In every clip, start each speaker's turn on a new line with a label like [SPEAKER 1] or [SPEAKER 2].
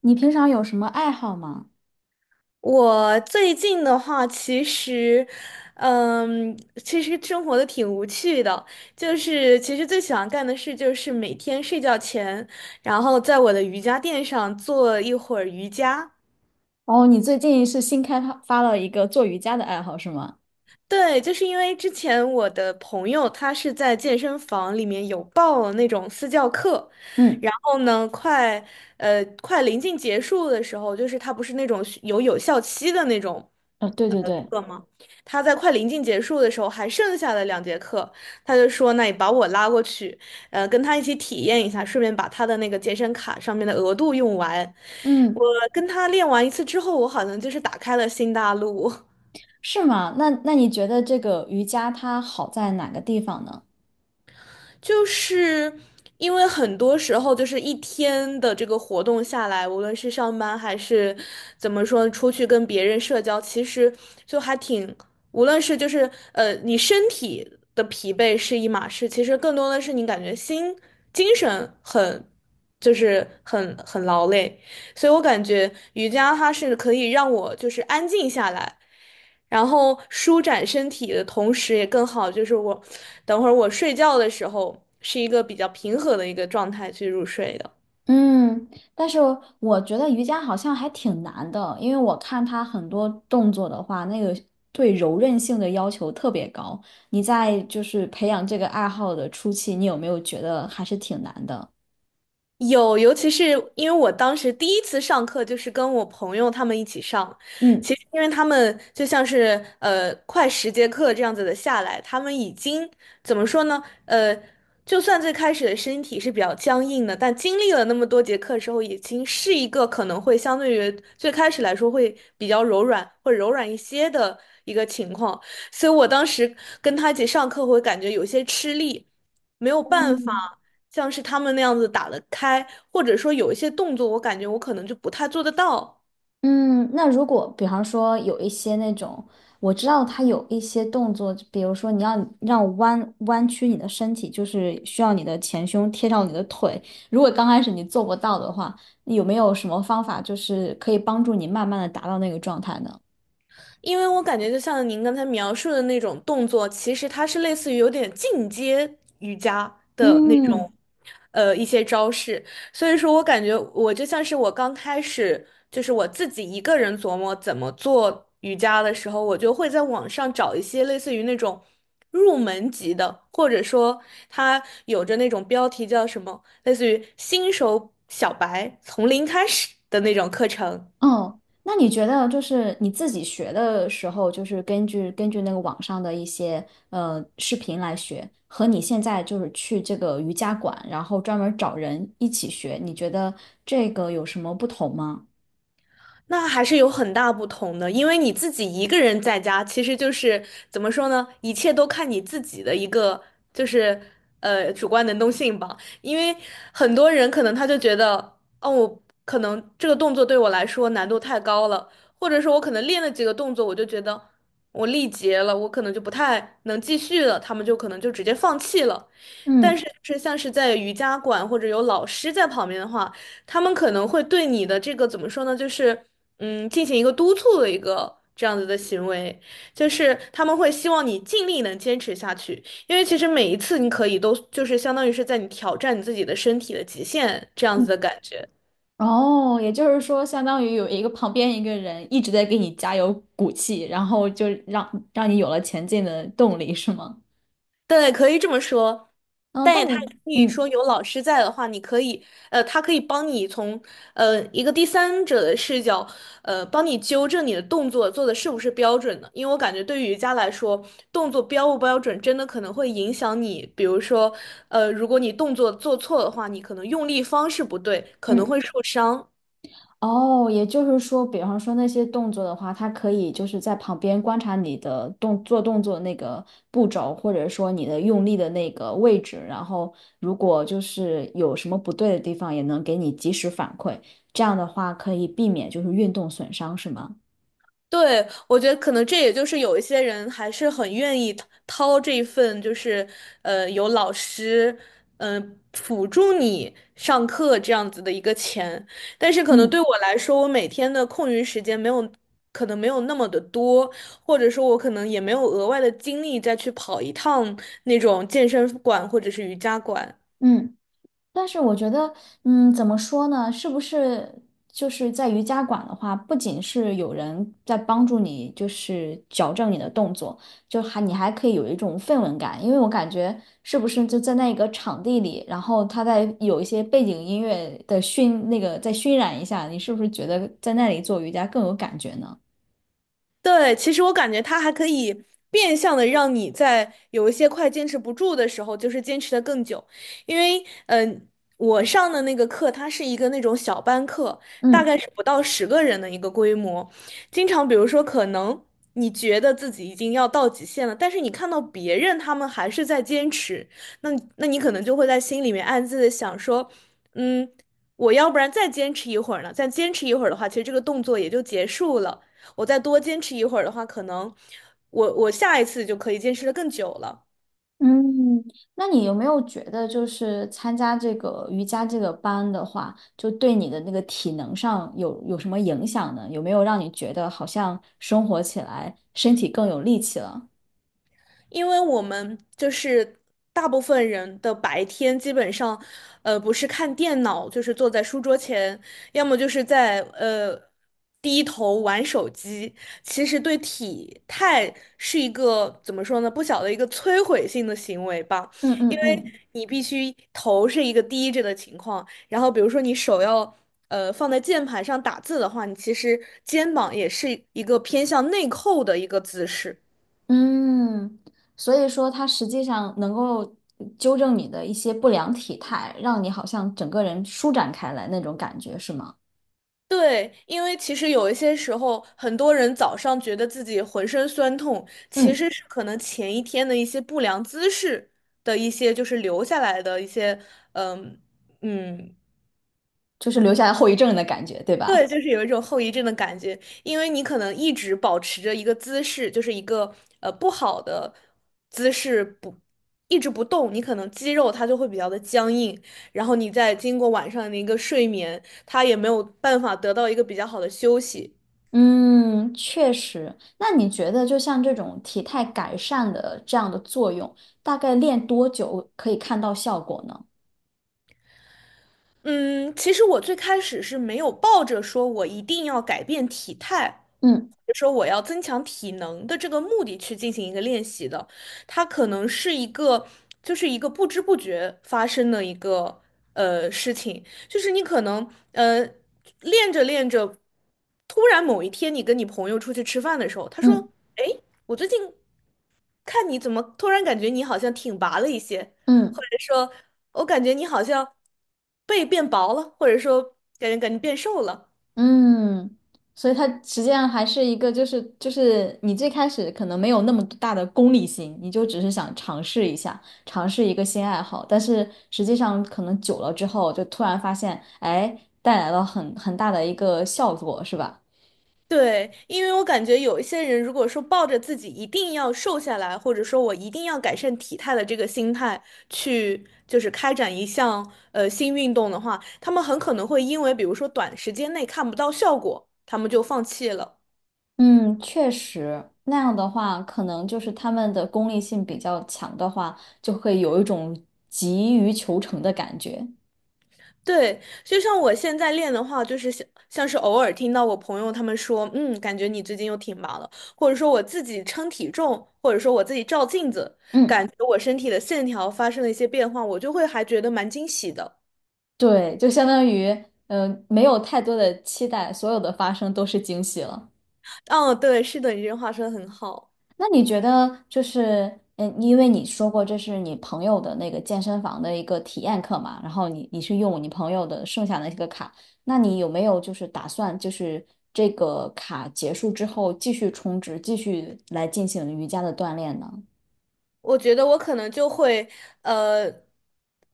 [SPEAKER 1] 你平常有什么爱好吗？
[SPEAKER 2] 我最近的话，嗯，其实生活的挺无趣的，就是其实最喜欢干的事就是每天睡觉前，然后在我的瑜伽垫上做一会儿瑜伽。
[SPEAKER 1] 哦，你最近是新开发了一个做瑜伽的爱好是吗？
[SPEAKER 2] 对，就是因为之前我的朋友他是在健身房里面有报了那种私教课，
[SPEAKER 1] 嗯。
[SPEAKER 2] 然后呢，快临近结束的时候，就是他不是那种有有效期的那种。
[SPEAKER 1] 对对对。
[SPEAKER 2] 课吗？他在快临近结束的时候还剩下了2节课，他就说：“那你把我拉过去，跟他一起体验一下，顺便把他的那个健身卡上面的额度用完。”
[SPEAKER 1] 嗯。
[SPEAKER 2] 我跟他练完一次之后，我好像就是打开了新大陆。
[SPEAKER 1] 是吗？那你觉得这个瑜伽它好在哪个地方呢？
[SPEAKER 2] 就是因为很多时候，就是一天的这个活动下来，无论是上班还是怎么说，出去跟别人社交，其实就还挺，无论是就是你身体的疲惫是一码事，其实更多的是你感觉心精神很，就是很劳累。所以我感觉瑜伽它是可以让我就是安静下来，然后舒展身体的同时也更好，就是我等会儿我睡觉的时候是一个比较平和的一个状态去入睡的。
[SPEAKER 1] 嗯，但是我觉得瑜伽好像还挺难的，因为我看它很多动作的话，那个对柔韧性的要求特别高。你在就是培养这个爱好的初期，你有没有觉得还是挺难的？
[SPEAKER 2] 有，尤其是因为我当时第一次上课就是跟我朋友他们一起上，
[SPEAKER 1] 嗯。
[SPEAKER 2] 其实因为他们就像是快10节课这样子的下来，他们已经怎么说呢？就算最开始的身体是比较僵硬的，但经历了那么多节课之后，已经是一个可能会相对于最开始来说会比较柔软，会柔软一些的一个情况。所以我当时跟他一起上课会感觉有些吃力。没有办法
[SPEAKER 1] 嗯
[SPEAKER 2] 像是他们那样子打得开，或者说有一些动作，我感觉我可能就不太做得到。
[SPEAKER 1] 嗯，那如果比方说有一些那种，我知道他有一些动作，比如说你要让弯曲你的身体，就是需要你的前胸贴到你的腿。如果刚开始你做不到的话，有没有什么方法就是可以帮助你慢慢的达到那个状态呢？
[SPEAKER 2] 因为我感觉就像您刚才描述的那种动作，其实它是类似于有点进阶瑜伽的那种，
[SPEAKER 1] 嗯。
[SPEAKER 2] 一些招式。所以说我感觉我就像是我刚开始，就是我自己一个人琢磨怎么做瑜伽的时候，我就会在网上找一些类似于那种入门级的，或者说它有着那种标题叫什么，类似于新手小白从零开始的那种课程。
[SPEAKER 1] 哦，那你觉得就是你自己学的时候，就是根据那个网上的一些视频来学，和你现在就是去这个瑜伽馆，然后专门找人一起学，你觉得这个有什么不同吗？
[SPEAKER 2] 那还是有很大不同的，因为你自己一个人在家，其实就是怎么说呢？一切都看你自己的一个，就是主观能动性吧。因为很多人可能他就觉得，哦，我可能这个动作对我来说难度太高了，或者说我可能练了几个动作，我就觉得我力竭了，我可能就不太能继续了，他们就可能就直接放弃了。但
[SPEAKER 1] 嗯。
[SPEAKER 2] 是就是像是在瑜伽馆或者有老师在旁边的话。他们可能会对你的这个怎么说呢，就是进行一个督促的一个这样子的行为，就是他们会希望你尽力能坚持下去，因为其实每一次你可以都就是相当于是在你挑战你自己的身体的极限这样
[SPEAKER 1] 嗯。
[SPEAKER 2] 子的感觉。
[SPEAKER 1] 哦，也就是说，相当于有一个旁边一个人一直在给你加油鼓气，然后就让你有了前进的动力，是吗？
[SPEAKER 2] 对，可以这么说，
[SPEAKER 1] 嗯，
[SPEAKER 2] 但
[SPEAKER 1] 但
[SPEAKER 2] 也他
[SPEAKER 1] 我
[SPEAKER 2] 也可以
[SPEAKER 1] 嗯。
[SPEAKER 2] 说有老师在的话，你可以，他可以帮你从一个第三者的视角，帮你纠正你的动作做的是不是标准的。因为我感觉对于瑜伽来说，动作标不标准真的可能会影响你，比如说，如果你动作做错的话，你可能用力方式不对，可能
[SPEAKER 1] 嗯。
[SPEAKER 2] 会受伤。
[SPEAKER 1] 哦，也就是说，比方说那些动作的话，它可以就是在旁边观察你的动作那个步骤，或者说你的用力的那个位置，然后如果就是有什么不对的地方，也能给你及时反馈。这样的话，可以避免就是运动损伤，是吗？
[SPEAKER 2] 对，我觉得可能这也就是有一些人还是很愿意掏这一份，就是有老师辅助你上课这样子的一个钱，但是可能
[SPEAKER 1] 嗯。
[SPEAKER 2] 对我来说，我每天的空余时间没有可能没有那么的多，或者说我可能也没有额外的精力再去跑一趟那种健身馆或者是瑜伽馆。
[SPEAKER 1] 嗯。但是我觉得，嗯，怎么说呢？是不是就是在瑜伽馆的话，不仅是有人在帮助你，就是矫正你的动作，你还可以有一种氛围感，因为我感觉是不是就在那个场地里，然后他在有一些背景音乐的熏，那个再熏染一下，你是不是觉得在那里做瑜伽更有感觉呢？
[SPEAKER 2] 对，其实我感觉它还可以变相的让你在有一些快坚持不住的时候，就是坚持的更久。因为，我上的那个课，它是一个那种小班课，大
[SPEAKER 1] 嗯。
[SPEAKER 2] 概是不到10个人的一个规模。经常，比如说，可能你觉得自己已经要到极限了，但是你看到别人他们还是在坚持，那那你可能就会在心里面暗自的想说，嗯。我要不然再坚持一会儿呢？再坚持一会儿的话，其实这个动作也就结束了。我再多坚持一会儿的话，可能我下一次就可以坚持的更久了。
[SPEAKER 1] 嗯，那你有没有觉得，就是参加这个瑜伽这个班的话，就对你的那个体能上有什么影响呢？有没有让你觉得好像生活起来身体更有力气了？
[SPEAKER 2] 因为我们就是大部分人的白天基本上，不是看电脑，就是坐在书桌前，要么就是在低头玩手机。其实对体态是一个怎么说呢，不小的一个摧毁性的行为吧，
[SPEAKER 1] 嗯
[SPEAKER 2] 因
[SPEAKER 1] 嗯
[SPEAKER 2] 为
[SPEAKER 1] 嗯。
[SPEAKER 2] 你必须头是一个低着的情况，然后比如说你手要。放在键盘上打字的话，你其实肩膀也是一个偏向内扣的一个姿势。
[SPEAKER 1] 嗯，所以说它实际上能够纠正你的一些不良体态，让你好像整个人舒展开来那种感觉，是吗？
[SPEAKER 2] 对，因为其实有一些时候，很多人早上觉得自己浑身酸痛，其
[SPEAKER 1] 嗯，
[SPEAKER 2] 实是可能前一天的一些不良姿势的一些，就是留下来的一些，嗯嗯，
[SPEAKER 1] 就是留下来后遗症的感觉，对吧？
[SPEAKER 2] 对，就是有一种后遗症的感觉，因为你可能一直保持着一个姿势，就是一个不好的姿势不。一直不动，你可能肌肉它就会比较的僵硬，然后你再经过晚上的一个睡眠，它也没有办法得到一个比较好的休息，
[SPEAKER 1] 嗯，确实。那你觉得，就像这种体态改善的这样的作用，大概练多久可以看到效果呢？
[SPEAKER 2] 嗯，其实我最开始是没有抱着说我一定要改变体态，
[SPEAKER 1] 嗯
[SPEAKER 2] 或者说我要增强体能的这个目的去进行一个练习的，它可能是一个，就是一个不知不觉发生的一个事情，就是你可能练着练着，突然某一天你跟你朋友出去吃饭的时候，他
[SPEAKER 1] 嗯
[SPEAKER 2] 说，哎，我最近看你怎么突然感觉你好像挺拔了一些。
[SPEAKER 1] 嗯。
[SPEAKER 2] 或者说。我感觉你好像背变薄了，或者说感觉变瘦了。
[SPEAKER 1] 嗯，所以它实际上还是一个，就是你最开始可能没有那么大的功利心，你就只是想尝试一下，尝试一个新爱好，但是实际上可能久了之后，就突然发现，哎，带来了很大的一个效果，是吧？
[SPEAKER 2] 对，因为我感觉有一些人，如果说抱着自己一定要瘦下来，或者说我一定要改善体态的这个心态去，就是开展一项新运动的话，他们很可能会因为比如说短时间内看不到效果，他们就放弃了。
[SPEAKER 1] 嗯，确实，那样的话，可能就是他们的功利性比较强的话，就会有一种急于求成的感觉。
[SPEAKER 2] 对，就像我现在练的话，就是像是偶尔听到我朋友他们说，嗯，感觉你最近又挺忙了，或者说我自己称体重，或者说我自己照镜子，
[SPEAKER 1] 嗯，
[SPEAKER 2] 感觉我身体的线条发生了一些变化，我就会还觉得蛮惊喜的。
[SPEAKER 1] 对，就相当于，没有太多的期待，所有的发生都是惊喜了。
[SPEAKER 2] 嗯，对，是的，你这句话说的很好。
[SPEAKER 1] 那你觉得就是，嗯，因为你说过这是你朋友的那个健身房的一个体验课嘛，然后你是用你朋友的剩下的一个卡，那你有没有就是打算就是这个卡结束之后继续充值，继续来进行瑜伽的锻炼呢？
[SPEAKER 2] 我觉得我可能就会，呃，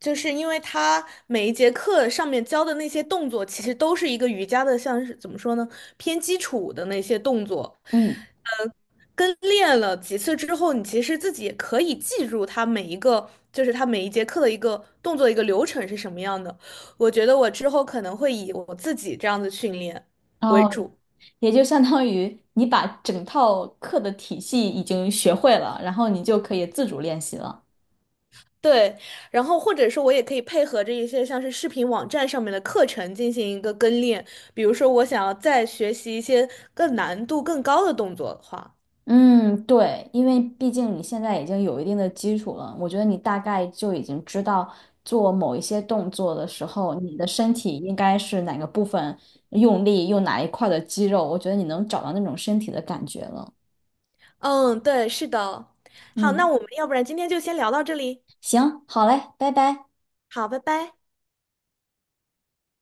[SPEAKER 2] 就是因为他每一节课上面教的那些动作，其实都是一个瑜伽的，像是怎么说呢，偏基础的那些动作，
[SPEAKER 1] 嗯。
[SPEAKER 2] 呃，跟练了几次之后，你其实自己也可以记住他每一个，就是他每一节课的一个动作一个流程是什么样的。我觉得我之后可能会以我自己这样的训练
[SPEAKER 1] 然
[SPEAKER 2] 为
[SPEAKER 1] 后
[SPEAKER 2] 主。
[SPEAKER 1] 也就相当于你把整套课的体系已经学会了，然后你就可以自主练习了。
[SPEAKER 2] 对，然后或者说我也可以配合着一些像是视频网站上面的课程进行一个跟练，比如说我想要再学习一些更难度更高的动作的话，
[SPEAKER 1] 嗯，对，因为毕竟你现在已经有一定的基础了，我觉得你大概就已经知道做某一些动作的时候，你的身体应该是哪个部分用力，用哪一块的肌肉，我觉得你能找到那种身体的感觉了。
[SPEAKER 2] 嗯，对，是的。好，那
[SPEAKER 1] 嗯，
[SPEAKER 2] 我们要不然今天就先聊到这里。
[SPEAKER 1] 行，好嘞，拜拜。
[SPEAKER 2] 好，拜拜。